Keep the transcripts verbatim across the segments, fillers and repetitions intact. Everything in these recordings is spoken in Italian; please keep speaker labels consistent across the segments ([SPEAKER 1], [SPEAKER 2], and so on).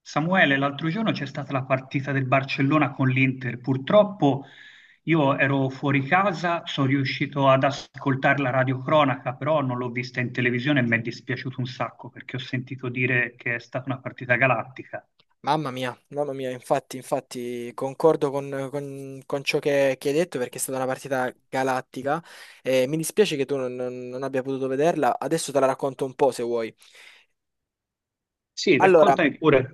[SPEAKER 1] Samuele, l'altro giorno c'è stata la partita del Barcellona con l'Inter. Purtroppo io ero fuori casa, sono riuscito ad ascoltare la radiocronaca, però non l'ho vista in televisione e mi è dispiaciuto un sacco perché ho sentito dire che è stata una partita galattica.
[SPEAKER 2] Mamma mia, mamma mia, infatti, infatti concordo con, con- con ciò che, che hai detto perché è stata una partita galattica e mi dispiace che tu non non- non abbia potuto vederla, adesso te la racconto un po' se vuoi.
[SPEAKER 1] Sì,
[SPEAKER 2] Allora,
[SPEAKER 1] raccontami pure.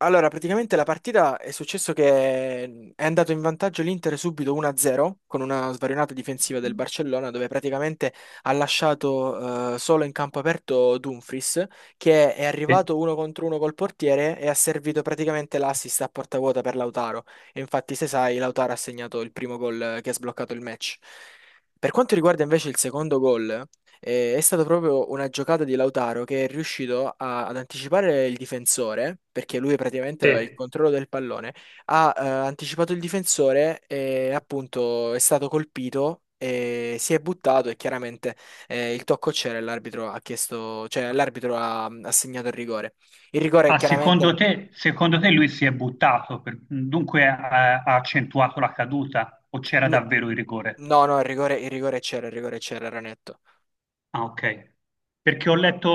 [SPEAKER 2] allora, praticamente la partita è successo che mm, è andato in vantaggio l'Inter subito uno a zero con una svarionata difensiva del Barcellona dove praticamente ha lasciato eh, solo in campo aperto Dumfries che è
[SPEAKER 1] Sì.
[SPEAKER 2] arrivato uno contro uno col portiere e ha servito praticamente l'assist a porta vuota per Lautaro. E infatti, se sai, Lautaro ha segnato il primo gol eh, che ha sbloccato il match. Per quanto riguarda invece il secondo gol, eh, è stata proprio una giocata di Lautaro che è riuscito a- ad anticipare il difensore, perché lui praticamente
[SPEAKER 1] Sì.
[SPEAKER 2] aveva il controllo del pallone, ha eh, anticipato il difensore e appunto è stato colpito e si è buttato e chiaramente eh, il tocco c'era e l'arbitro ha chiesto, cioè l'arbitro ha, ha segnato il rigore. Il rigore
[SPEAKER 1] Ah, secondo
[SPEAKER 2] chiaramente.
[SPEAKER 1] te, secondo te lui si è buttato, per- dunque ha, ha accentuato la caduta o c'era
[SPEAKER 2] n-
[SPEAKER 1] davvero il rigore?
[SPEAKER 2] No, no, il rigore, il rigore c'era, il rigore c'era, era netto.
[SPEAKER 1] Ah, ok. Perché ho letto,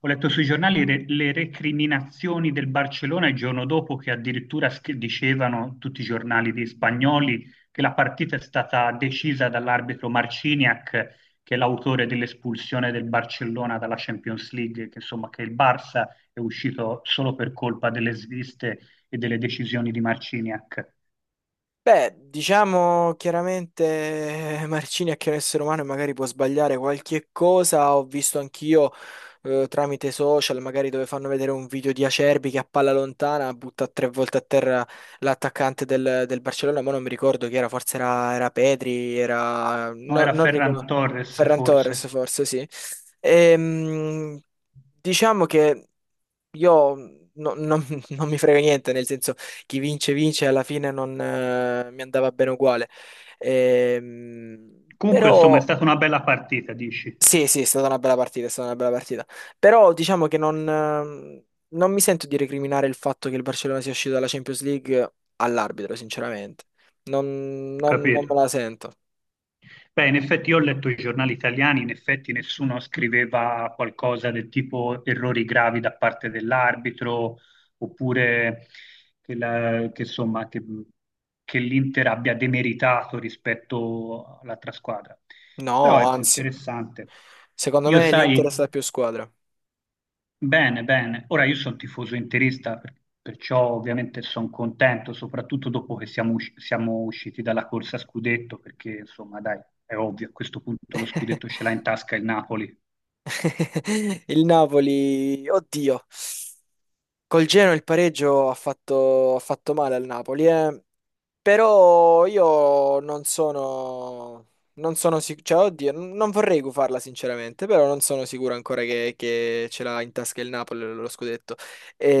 [SPEAKER 1] ho letto sui giornali re- le recriminazioni del Barcellona il giorno dopo che addirittura scri- dicevano tutti i giornali di spagnoli che la partita è stata decisa dall'arbitro Marciniak, che è l'autore dell'espulsione del Barcellona dalla Champions League, che insomma che il Barça è uscito solo per colpa delle sviste e delle decisioni di Marciniak.
[SPEAKER 2] Beh, diciamo chiaramente eh, Marcini è che è un essere umano e magari può sbagliare qualche cosa. Ho visto anch'io eh, tramite social, magari dove fanno vedere un video di Acerbi che a palla lontana butta tre volte a terra l'attaccante del, del Barcellona, ma non mi ricordo chi era, forse era, era Pedri, era...
[SPEAKER 1] No,
[SPEAKER 2] no-
[SPEAKER 1] era
[SPEAKER 2] non
[SPEAKER 1] Ferran
[SPEAKER 2] ricordo,
[SPEAKER 1] Torres
[SPEAKER 2] Ferran
[SPEAKER 1] forse.
[SPEAKER 2] Torres forse, sì. Ehm, diciamo che io no- non non mi frega niente, nel senso chi vince vince, alla fine non eh, mi andava bene uguale. Ehm,
[SPEAKER 1] Comunque, insomma, è
[SPEAKER 2] però
[SPEAKER 1] stata una bella partita, dici?
[SPEAKER 2] sì, sì, è stata una bella partita, è stata una bella partita. Però diciamo che non, ehm, non mi sento di recriminare il fatto che il Barcellona sia uscito dalla Champions League all'arbitro, sinceramente. Non,
[SPEAKER 1] Ho
[SPEAKER 2] non- non me
[SPEAKER 1] capito.
[SPEAKER 2] la sento.
[SPEAKER 1] Beh, in effetti io ho letto i giornali italiani, in effetti nessuno scriveva qualcosa del tipo errori gravi da parte dell'arbitro, oppure che, la- che, insomma, che- che l'Inter abbia demeritato rispetto all'altra squadra. Però
[SPEAKER 2] No,
[SPEAKER 1] ecco,
[SPEAKER 2] anzi,
[SPEAKER 1] interessante.
[SPEAKER 2] secondo
[SPEAKER 1] Io
[SPEAKER 2] me l'Inter
[SPEAKER 1] sai,
[SPEAKER 2] è stata più squadra.
[SPEAKER 1] bene, bene. Ora io sono tifoso interista, per- perciò ovviamente sono contento, soprattutto dopo che siamo, usci- siamo usciti dalla corsa a scudetto, perché insomma, dai, è ovvio, a questo punto lo scudetto ce l'ha in tasca il Napoli.
[SPEAKER 2] Il Napoli, oddio. Col Genoa il pareggio ha fatto, ha fatto male al Napoli. Eh. Però io non sono, non sono sicuro, cioè oddio, n- non vorrei gufarla sinceramente, però non sono sicuro ancora che, che ce l'ha in tasca il Napoli lo lo scudetto.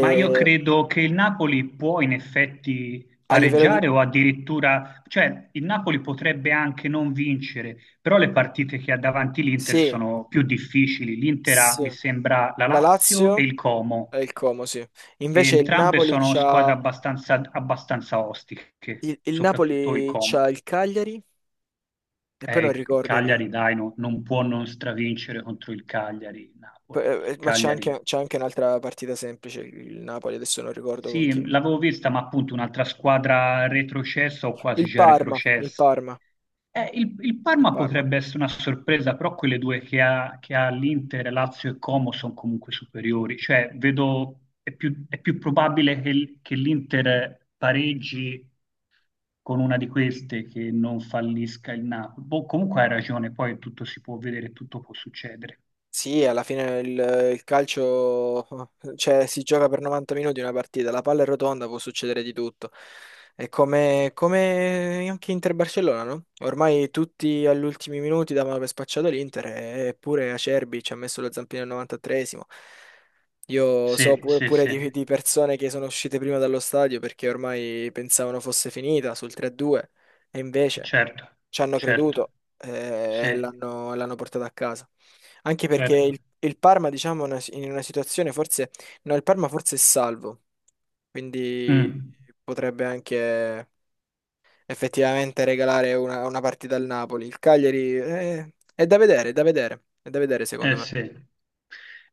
[SPEAKER 1] Ma io credo che il Napoli può in effetti
[SPEAKER 2] a livello di...
[SPEAKER 1] pareggiare o addirittura, cioè il Napoli potrebbe anche non vincere, però le partite che ha davanti l'Inter
[SPEAKER 2] Sì,
[SPEAKER 1] sono più difficili. L'Inter ha, mi
[SPEAKER 2] sì,
[SPEAKER 1] sembra, la
[SPEAKER 2] la
[SPEAKER 1] Lazio e
[SPEAKER 2] Lazio
[SPEAKER 1] il Como.
[SPEAKER 2] e il Como, sì.
[SPEAKER 1] E
[SPEAKER 2] Invece il
[SPEAKER 1] entrambe
[SPEAKER 2] Napoli
[SPEAKER 1] sono squadre
[SPEAKER 2] c'ha
[SPEAKER 1] abbastanza, abbastanza ostiche,
[SPEAKER 2] il, il
[SPEAKER 1] soprattutto il
[SPEAKER 2] Napoli c'ha
[SPEAKER 1] Como.
[SPEAKER 2] il Cagliari e poi
[SPEAKER 1] Eh,
[SPEAKER 2] non
[SPEAKER 1] il
[SPEAKER 2] ricordo
[SPEAKER 1] Cagliari,
[SPEAKER 2] chi.
[SPEAKER 1] dai, no- non può non stravincere contro il Cagliari,
[SPEAKER 2] Poi,
[SPEAKER 1] Napoli.
[SPEAKER 2] eh,
[SPEAKER 1] Il
[SPEAKER 2] eh, ma c'è
[SPEAKER 1] Cagliari,
[SPEAKER 2] anche, c'è anche un'altra partita semplice, il Napoli, adesso non ricordo con chi.
[SPEAKER 1] sì, l'avevo vista, ma appunto un'altra squadra retrocessa o quasi
[SPEAKER 2] Il
[SPEAKER 1] già
[SPEAKER 2] Parma, il
[SPEAKER 1] retrocessa.
[SPEAKER 2] Parma,
[SPEAKER 1] Eh, il, il
[SPEAKER 2] il
[SPEAKER 1] Parma
[SPEAKER 2] Parma.
[SPEAKER 1] potrebbe essere una sorpresa, però quelle due che ha, che ha l'Inter, Lazio e Como sono comunque superiori. Cioè, vedo, è più, è più probabile che, l- che l'Inter pareggi con una di queste che non fallisca il Napoli. Boh, comunque hai ragione, poi tutto si può vedere, tutto può succedere.
[SPEAKER 2] Sì, alla fine il, il calcio, cioè, si gioca per novanta minuti una partita, la palla è rotonda, può succedere di tutto. È come, come anche Inter-Barcellona, no? Ormai tutti agli ultimi minuti davano per spacciato l'Inter, eppure Acerbi ci ha messo lo zampino al novantatreesimo. Io so
[SPEAKER 1] Sì,
[SPEAKER 2] pure,
[SPEAKER 1] sì,
[SPEAKER 2] pure
[SPEAKER 1] sì,
[SPEAKER 2] di, di persone che sono uscite prima dallo stadio perché ormai pensavano fosse finita sul tre due, e invece
[SPEAKER 1] certo,
[SPEAKER 2] ci hanno
[SPEAKER 1] certo,
[SPEAKER 2] creduto eh,
[SPEAKER 1] sì,
[SPEAKER 2] e l'hanno l'hanno portato a casa. Anche perché
[SPEAKER 1] certo.
[SPEAKER 2] il, il Parma, diciamo, è una- in una situazione forse. No, il Parma forse è salvo, quindi
[SPEAKER 1] Mm.
[SPEAKER 2] potrebbe anche effettivamente regalare una, una partita al Napoli. Il Cagliari eh, è da vedere, è da vedere, è da vedere secondo
[SPEAKER 1] Eh
[SPEAKER 2] me.
[SPEAKER 1] sì.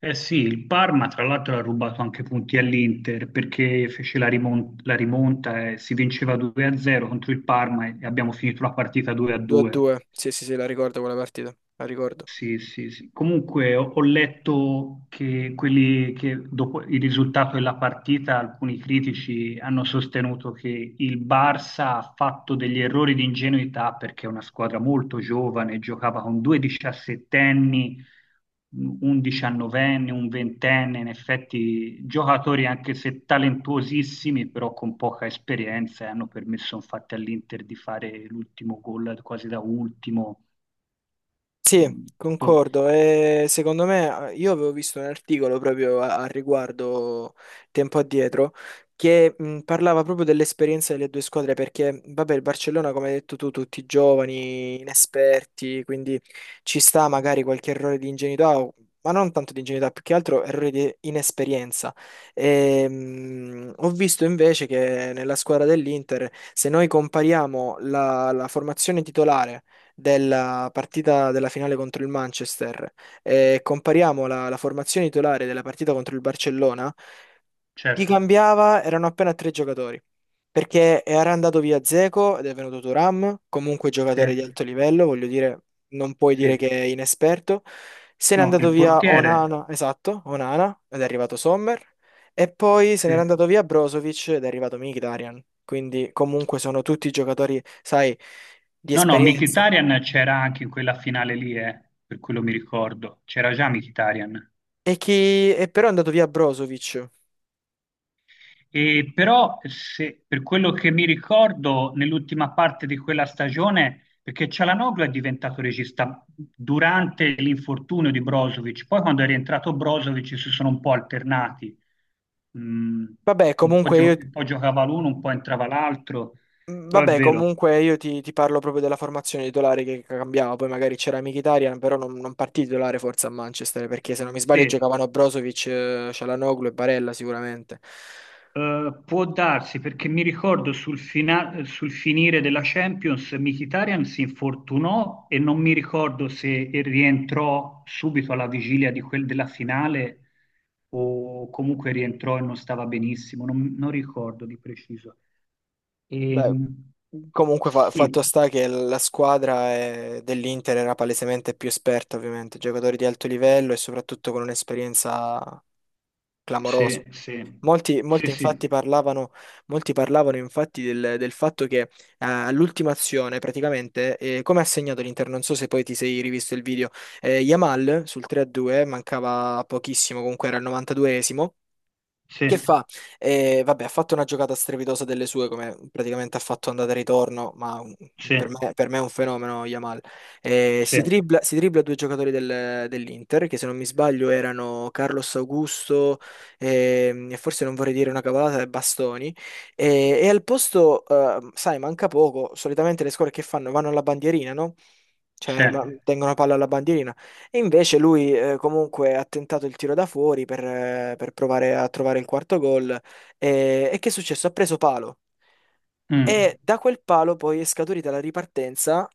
[SPEAKER 1] Eh sì, il Parma tra l'altro ha rubato anche punti all'Inter perché fece la rimon- la rimonta, e si vinceva due a zero contro il Parma e abbiamo finito la partita due a due.
[SPEAKER 2] due a due, sì, sì, sì, la ricordo quella partita, la ricordo.
[SPEAKER 1] Sì, sì, sì. Comunque ho, ho letto che quelli che dopo il risultato della partita, alcuni critici hanno sostenuto che il Barça ha fatto degli errori di ingenuità perché è una squadra molto giovane, giocava con due diciassettenni, un diciannovenne, un ventenne, in effetti giocatori anche se talentuosissimi, però con poca esperienza e hanno permesso infatti all'Inter di fare l'ultimo gol quasi da ultimo.
[SPEAKER 2] Sì,
[SPEAKER 1] Mm.
[SPEAKER 2] concordo. E secondo me, eh, io avevo visto un articolo proprio a, a riguardo tempo addietro che mh, parlava proprio dell'esperienza delle due squadre perché, vabbè, il Barcellona, come hai detto tu, tutti giovani, inesperti, quindi ci sta magari qualche errore di ingenuità, o- ma non tanto di ingenuità, più che altro errore di inesperienza. E, mh, ho visto invece che nella squadra dell'Inter, se noi compariamo la la formazione titolare della partita della finale contro il Manchester e compariamo la, la formazione titolare della partita contro il Barcellona, chi
[SPEAKER 1] Certo,
[SPEAKER 2] cambiava erano appena tre giocatori. Perché era andato via Dzeko ed è venuto Thuram, comunque
[SPEAKER 1] sì,
[SPEAKER 2] giocatore di alto livello, voglio dire, non puoi dire
[SPEAKER 1] sì.
[SPEAKER 2] che è inesperto. Se n'è
[SPEAKER 1] No,
[SPEAKER 2] andato
[SPEAKER 1] il
[SPEAKER 2] via
[SPEAKER 1] portiere,
[SPEAKER 2] Onana, esatto, Onana, ed è arrivato Sommer. E poi se
[SPEAKER 1] sì.
[SPEAKER 2] n'era andato via Brozovic ed è arrivato Mkhitaryan. Quindi comunque sono tutti giocatori, sai, di
[SPEAKER 1] No, no,
[SPEAKER 2] esperienza.
[SPEAKER 1] Mkhitaryan c'era anche in quella finale lì, eh, per quello mi ricordo. C'era già Mkhitaryan.
[SPEAKER 2] E che e però è andato via Brozovic.
[SPEAKER 1] E però, se, per quello che mi ricordo, nell'ultima parte di quella stagione, perché Cialanoglu è diventato regista durante l'infortunio di Brozovic, poi quando è rientrato Brozovic si sono un po' alternati. Mm,
[SPEAKER 2] Vabbè,
[SPEAKER 1] un po',
[SPEAKER 2] comunque
[SPEAKER 1] gio-
[SPEAKER 2] io,
[SPEAKER 1] un po' giocava l'uno, un po' entrava l'altro, però è
[SPEAKER 2] vabbè,
[SPEAKER 1] vero.
[SPEAKER 2] comunque io ti, ti parlo proprio della formazione titolare che cambiava. Poi magari c'era Mkhitaryan, però non, non partì titolare forse a Manchester, perché se non mi sbaglio
[SPEAKER 1] Sì,
[SPEAKER 2] giocavano Brozovic, eh, Cialanoglu e Barella sicuramente.
[SPEAKER 1] eh, può darsi perché mi ricordo sul, fina- sul finire della Champions Mkhitaryan si infortunò e non mi ricordo se rientrò subito alla vigilia di quel- della finale o comunque rientrò e non stava benissimo, non, non ricordo di preciso.
[SPEAKER 2] Beh,
[SPEAKER 1] Ehm,
[SPEAKER 2] comunque fa- fatto
[SPEAKER 1] sì,
[SPEAKER 2] sta che la squadra eh, dell'Inter era palesemente più esperta, ovviamente, giocatori di alto livello e soprattutto con un'esperienza
[SPEAKER 1] sì,
[SPEAKER 2] clamorosa.
[SPEAKER 1] sì,
[SPEAKER 2] Molti,
[SPEAKER 1] sì,
[SPEAKER 2] molti
[SPEAKER 1] sì,
[SPEAKER 2] infatti parlavano, molti parlavano infatti del, del fatto che eh, all'ultima azione praticamente, eh, come ha segnato l'Inter, non so se poi ti sei rivisto il video, eh, Yamal sul tre a due, mancava pochissimo, comunque era il novantaduesimo,
[SPEAKER 1] sì,
[SPEAKER 2] che fa? Eh, vabbè, ha fatto una giocata strepitosa delle sue, come praticamente ha fatto andata e ritorno, ma un-
[SPEAKER 1] sì,
[SPEAKER 2] per me, per me è un fenomeno Yamal. Eh,
[SPEAKER 1] sì,
[SPEAKER 2] si dribbla, si dribbla due giocatori del- dell'Inter, che se non mi sbaglio erano Carlos Augusto ehm, e forse non vorrei dire una cavolata, e Bastoni. Eh, e al posto, eh, sai, manca poco, solitamente le squadre che fanno? Vanno alla bandierina, no?
[SPEAKER 1] sì.
[SPEAKER 2] Cioè, ma- tengono palla alla bandierina. E invece lui eh, comunque ha tentato il tiro da fuori per, eh, per provare a trovare il quarto gol. E, e che è successo? Ha preso palo. E
[SPEAKER 1] Mm,
[SPEAKER 2] da quel palo poi è scaturita la ripartenza.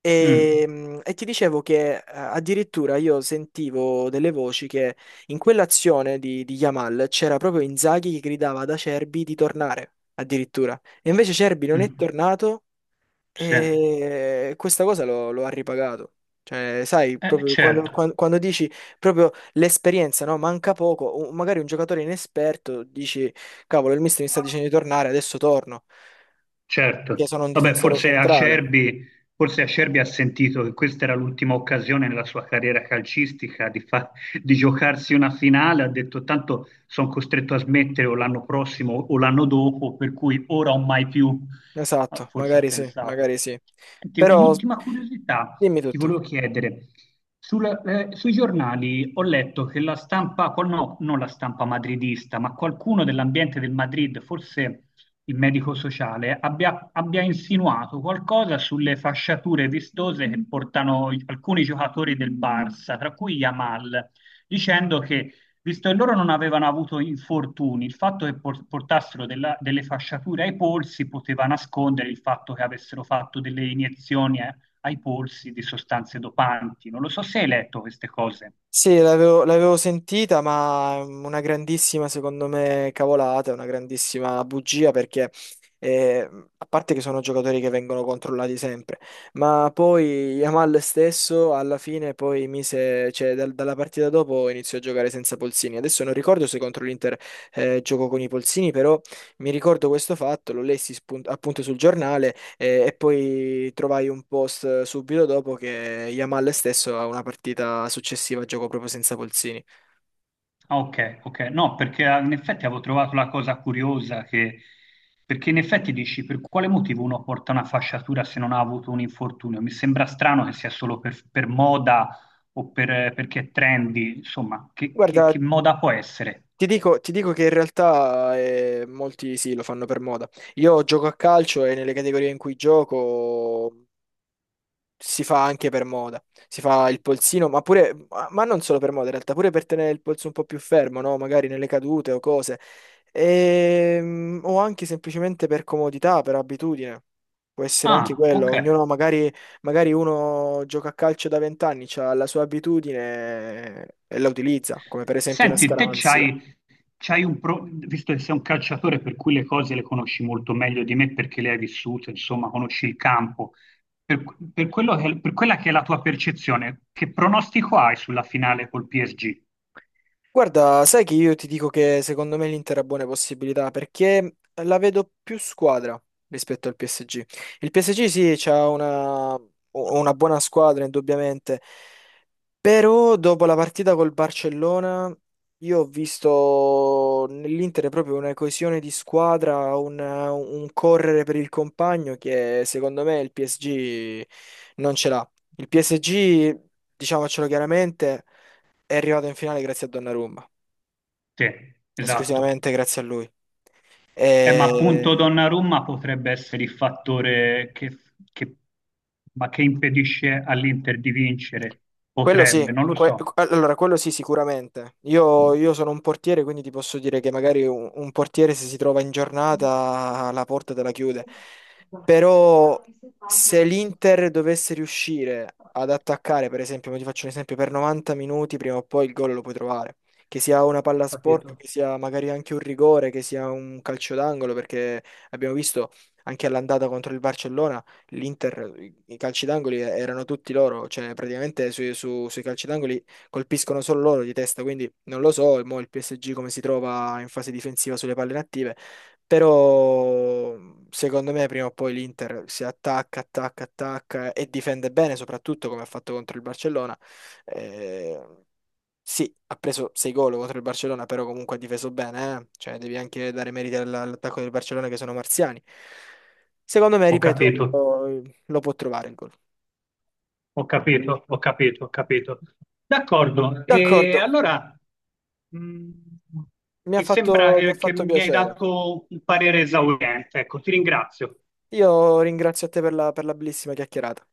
[SPEAKER 2] E,
[SPEAKER 1] mm,
[SPEAKER 2] mm, e ti dicevo che eh, addirittura io sentivo delle voci che in quell'azione di, di Yamal c'era proprio Inzaghi che gridava ad Acerbi di tornare, addirittura. E invece Acerbi non è
[SPEAKER 1] mm,
[SPEAKER 2] tornato
[SPEAKER 1] sì.
[SPEAKER 2] e questa cosa lo, lo ha ripagato. Cioè, sai,
[SPEAKER 1] Eh,
[SPEAKER 2] proprio quando,
[SPEAKER 1] certo.
[SPEAKER 2] quan- quando dici proprio l'esperienza, no? Manca poco, o magari un giocatore inesperto dici, cavolo, il mister mi sta dicendo di tornare, adesso torno, che
[SPEAKER 1] Certo,
[SPEAKER 2] sono un
[SPEAKER 1] vabbè,
[SPEAKER 2] difensore
[SPEAKER 1] forse
[SPEAKER 2] centrale.
[SPEAKER 1] Acerbi, forse Acerbi ha sentito che questa era l'ultima occasione nella sua carriera calcistica di, fa- di giocarsi una finale, ha detto tanto sono costretto a smettere o l'anno prossimo o l'anno dopo, per cui ora o mai più. Ah,
[SPEAKER 2] Esatto,
[SPEAKER 1] forse ha
[SPEAKER 2] magari sì,
[SPEAKER 1] pensato.
[SPEAKER 2] magari sì.
[SPEAKER 1] Senti,
[SPEAKER 2] Però
[SPEAKER 1] un'ultima curiosità
[SPEAKER 2] dimmi
[SPEAKER 1] ti
[SPEAKER 2] tutto.
[SPEAKER 1] volevo chiedere. Sul- eh, sui giornali ho letto che la stampa, qual- no, non la stampa madridista, ma qualcuno dell'ambiente del Madrid, forse il medico sociale, abbia, abbia insinuato qualcosa sulle fasciature vistose che portano i- alcuni giocatori del Barça, tra cui Yamal, dicendo che, visto che loro non avevano avuto infortuni, il fatto che por- portassero della- delle fasciature ai polsi poteva nascondere il fatto che avessero fatto delle iniezioni eh, ai polsi di sostanze dopanti. Non lo so se hai letto queste cose.
[SPEAKER 2] Sì, l'avevo l'avevo sentita, ma è una grandissima, secondo me, cavolata, una grandissima bugia perché, eh, a parte che sono giocatori che vengono controllati sempre, ma poi Yamal stesso alla fine poi mise, cioè dal- dalla partita dopo iniziò a giocare senza polsini. Adesso non ricordo se contro l'Inter eh, giocò con i polsini, però mi ricordo questo fatto, lo lessi spun- appunto sul giornale e, e poi trovai un post eh, subito dopo che Yamal stesso ha una partita successiva giocò proprio senza Polzini.
[SPEAKER 1] Ah, ok, ok. No, perché ah, in effetti avevo trovato la cosa curiosa che... Perché in effetti dici, per quale motivo uno porta una fasciatura se non ha avuto un infortunio? Mi sembra strano che sia solo per, per moda o per- perché è trendy, insomma, che, che-
[SPEAKER 2] Guarda,
[SPEAKER 1] che moda può essere?
[SPEAKER 2] ti dico, ti dico che in realtà eh, molti sì, lo fanno per moda. Io gioco a calcio e nelle categorie in cui gioco si fa anche per moda. Si fa il polsino, ma pure, ma ma non solo per moda, in realtà, pure per tenere il polso un po' più fermo, no? Magari nelle cadute o cose. Ehm, o anche semplicemente per comodità, per abitudine. Può essere anche
[SPEAKER 1] Ah,
[SPEAKER 2] quello.
[SPEAKER 1] ok.
[SPEAKER 2] Ognuno, magari, magari uno gioca a calcio da vent'anni, ha la sua abitudine e la utilizza, come per esempio una
[SPEAKER 1] Senti, te
[SPEAKER 2] scaramanzia.
[SPEAKER 1] c'hai, c'hai un pro- visto che sei un calciatore per cui le cose le conosci molto meglio di me perché le hai vissute, insomma, conosci il campo. Per, per quello che- per quella che è la tua percezione, che pronostico hai sulla finale col P S G?
[SPEAKER 2] Guarda, sai che io ti dico che secondo me l'Inter ha buone possibilità perché la vedo più squadra rispetto al P S G. Il P S G sì, c'ha una, una buona squadra indubbiamente, però dopo la partita col Barcellona io ho visto nell'Inter proprio una coesione di squadra, un, un correre per il compagno che secondo me il P S G non ce l'ha. Il P S G, diciamocelo chiaramente, è arrivato in finale grazie a Donnarumma
[SPEAKER 1] Te, esatto.
[SPEAKER 2] esclusivamente grazie a lui.
[SPEAKER 1] Eh, ma appunto
[SPEAKER 2] E
[SPEAKER 1] Donnarumma potrebbe essere il fattore che, che- ma che impedisce all'Inter di vincere.
[SPEAKER 2] quello sì,
[SPEAKER 1] Potrebbe, non lo
[SPEAKER 2] que-
[SPEAKER 1] so.
[SPEAKER 2] allora quello sì, sicuramente.
[SPEAKER 1] Ho
[SPEAKER 2] Io, io sono un portiere, quindi ti posso dire che magari un, un portiere se si trova in giornata la porta te la chiude. Però se l'Inter dovesse riuscire ad attaccare, per esempio, ti faccio un esempio, per novanta minuti prima o poi il gol lo puoi trovare. Che sia una palla sporca,
[SPEAKER 1] capito.
[SPEAKER 2] che sia magari anche un rigore, che sia un calcio d'angolo, perché abbiamo visto anche all'andata contro il Barcellona l'Inter, i i calci d'angoli eh, erano tutti loro, cioè praticamente sui, su- sui calci d'angoli colpiscono solo loro di testa, quindi non lo so, mo il P S G come si trova in fase difensiva sulle palle inattive, però secondo me prima o poi l'Inter si attacca, attacca, attacca e difende bene, soprattutto come ha fatto contro il Barcellona. Eh, sì, ha preso sei gol contro il Barcellona, però comunque ha difeso bene, eh. Cioè, devi anche dare meriti all- all'attacco del Barcellona che sono marziani. Secondo me,
[SPEAKER 1] Ho
[SPEAKER 2] ripeto,
[SPEAKER 1] capito.
[SPEAKER 2] lo può trovare il gol.
[SPEAKER 1] Ho capito, ho capito, ho capito. D'accordo, e
[SPEAKER 2] D'accordo,
[SPEAKER 1] allora mh,
[SPEAKER 2] mi ha
[SPEAKER 1] mi sembra
[SPEAKER 2] fatto, mi ha
[SPEAKER 1] che, che
[SPEAKER 2] fatto
[SPEAKER 1] mi hai
[SPEAKER 2] piacere.
[SPEAKER 1] dato un parere esauriente, ecco, ti ringrazio.
[SPEAKER 2] Io ringrazio a te per la, per la bellissima chiacchierata.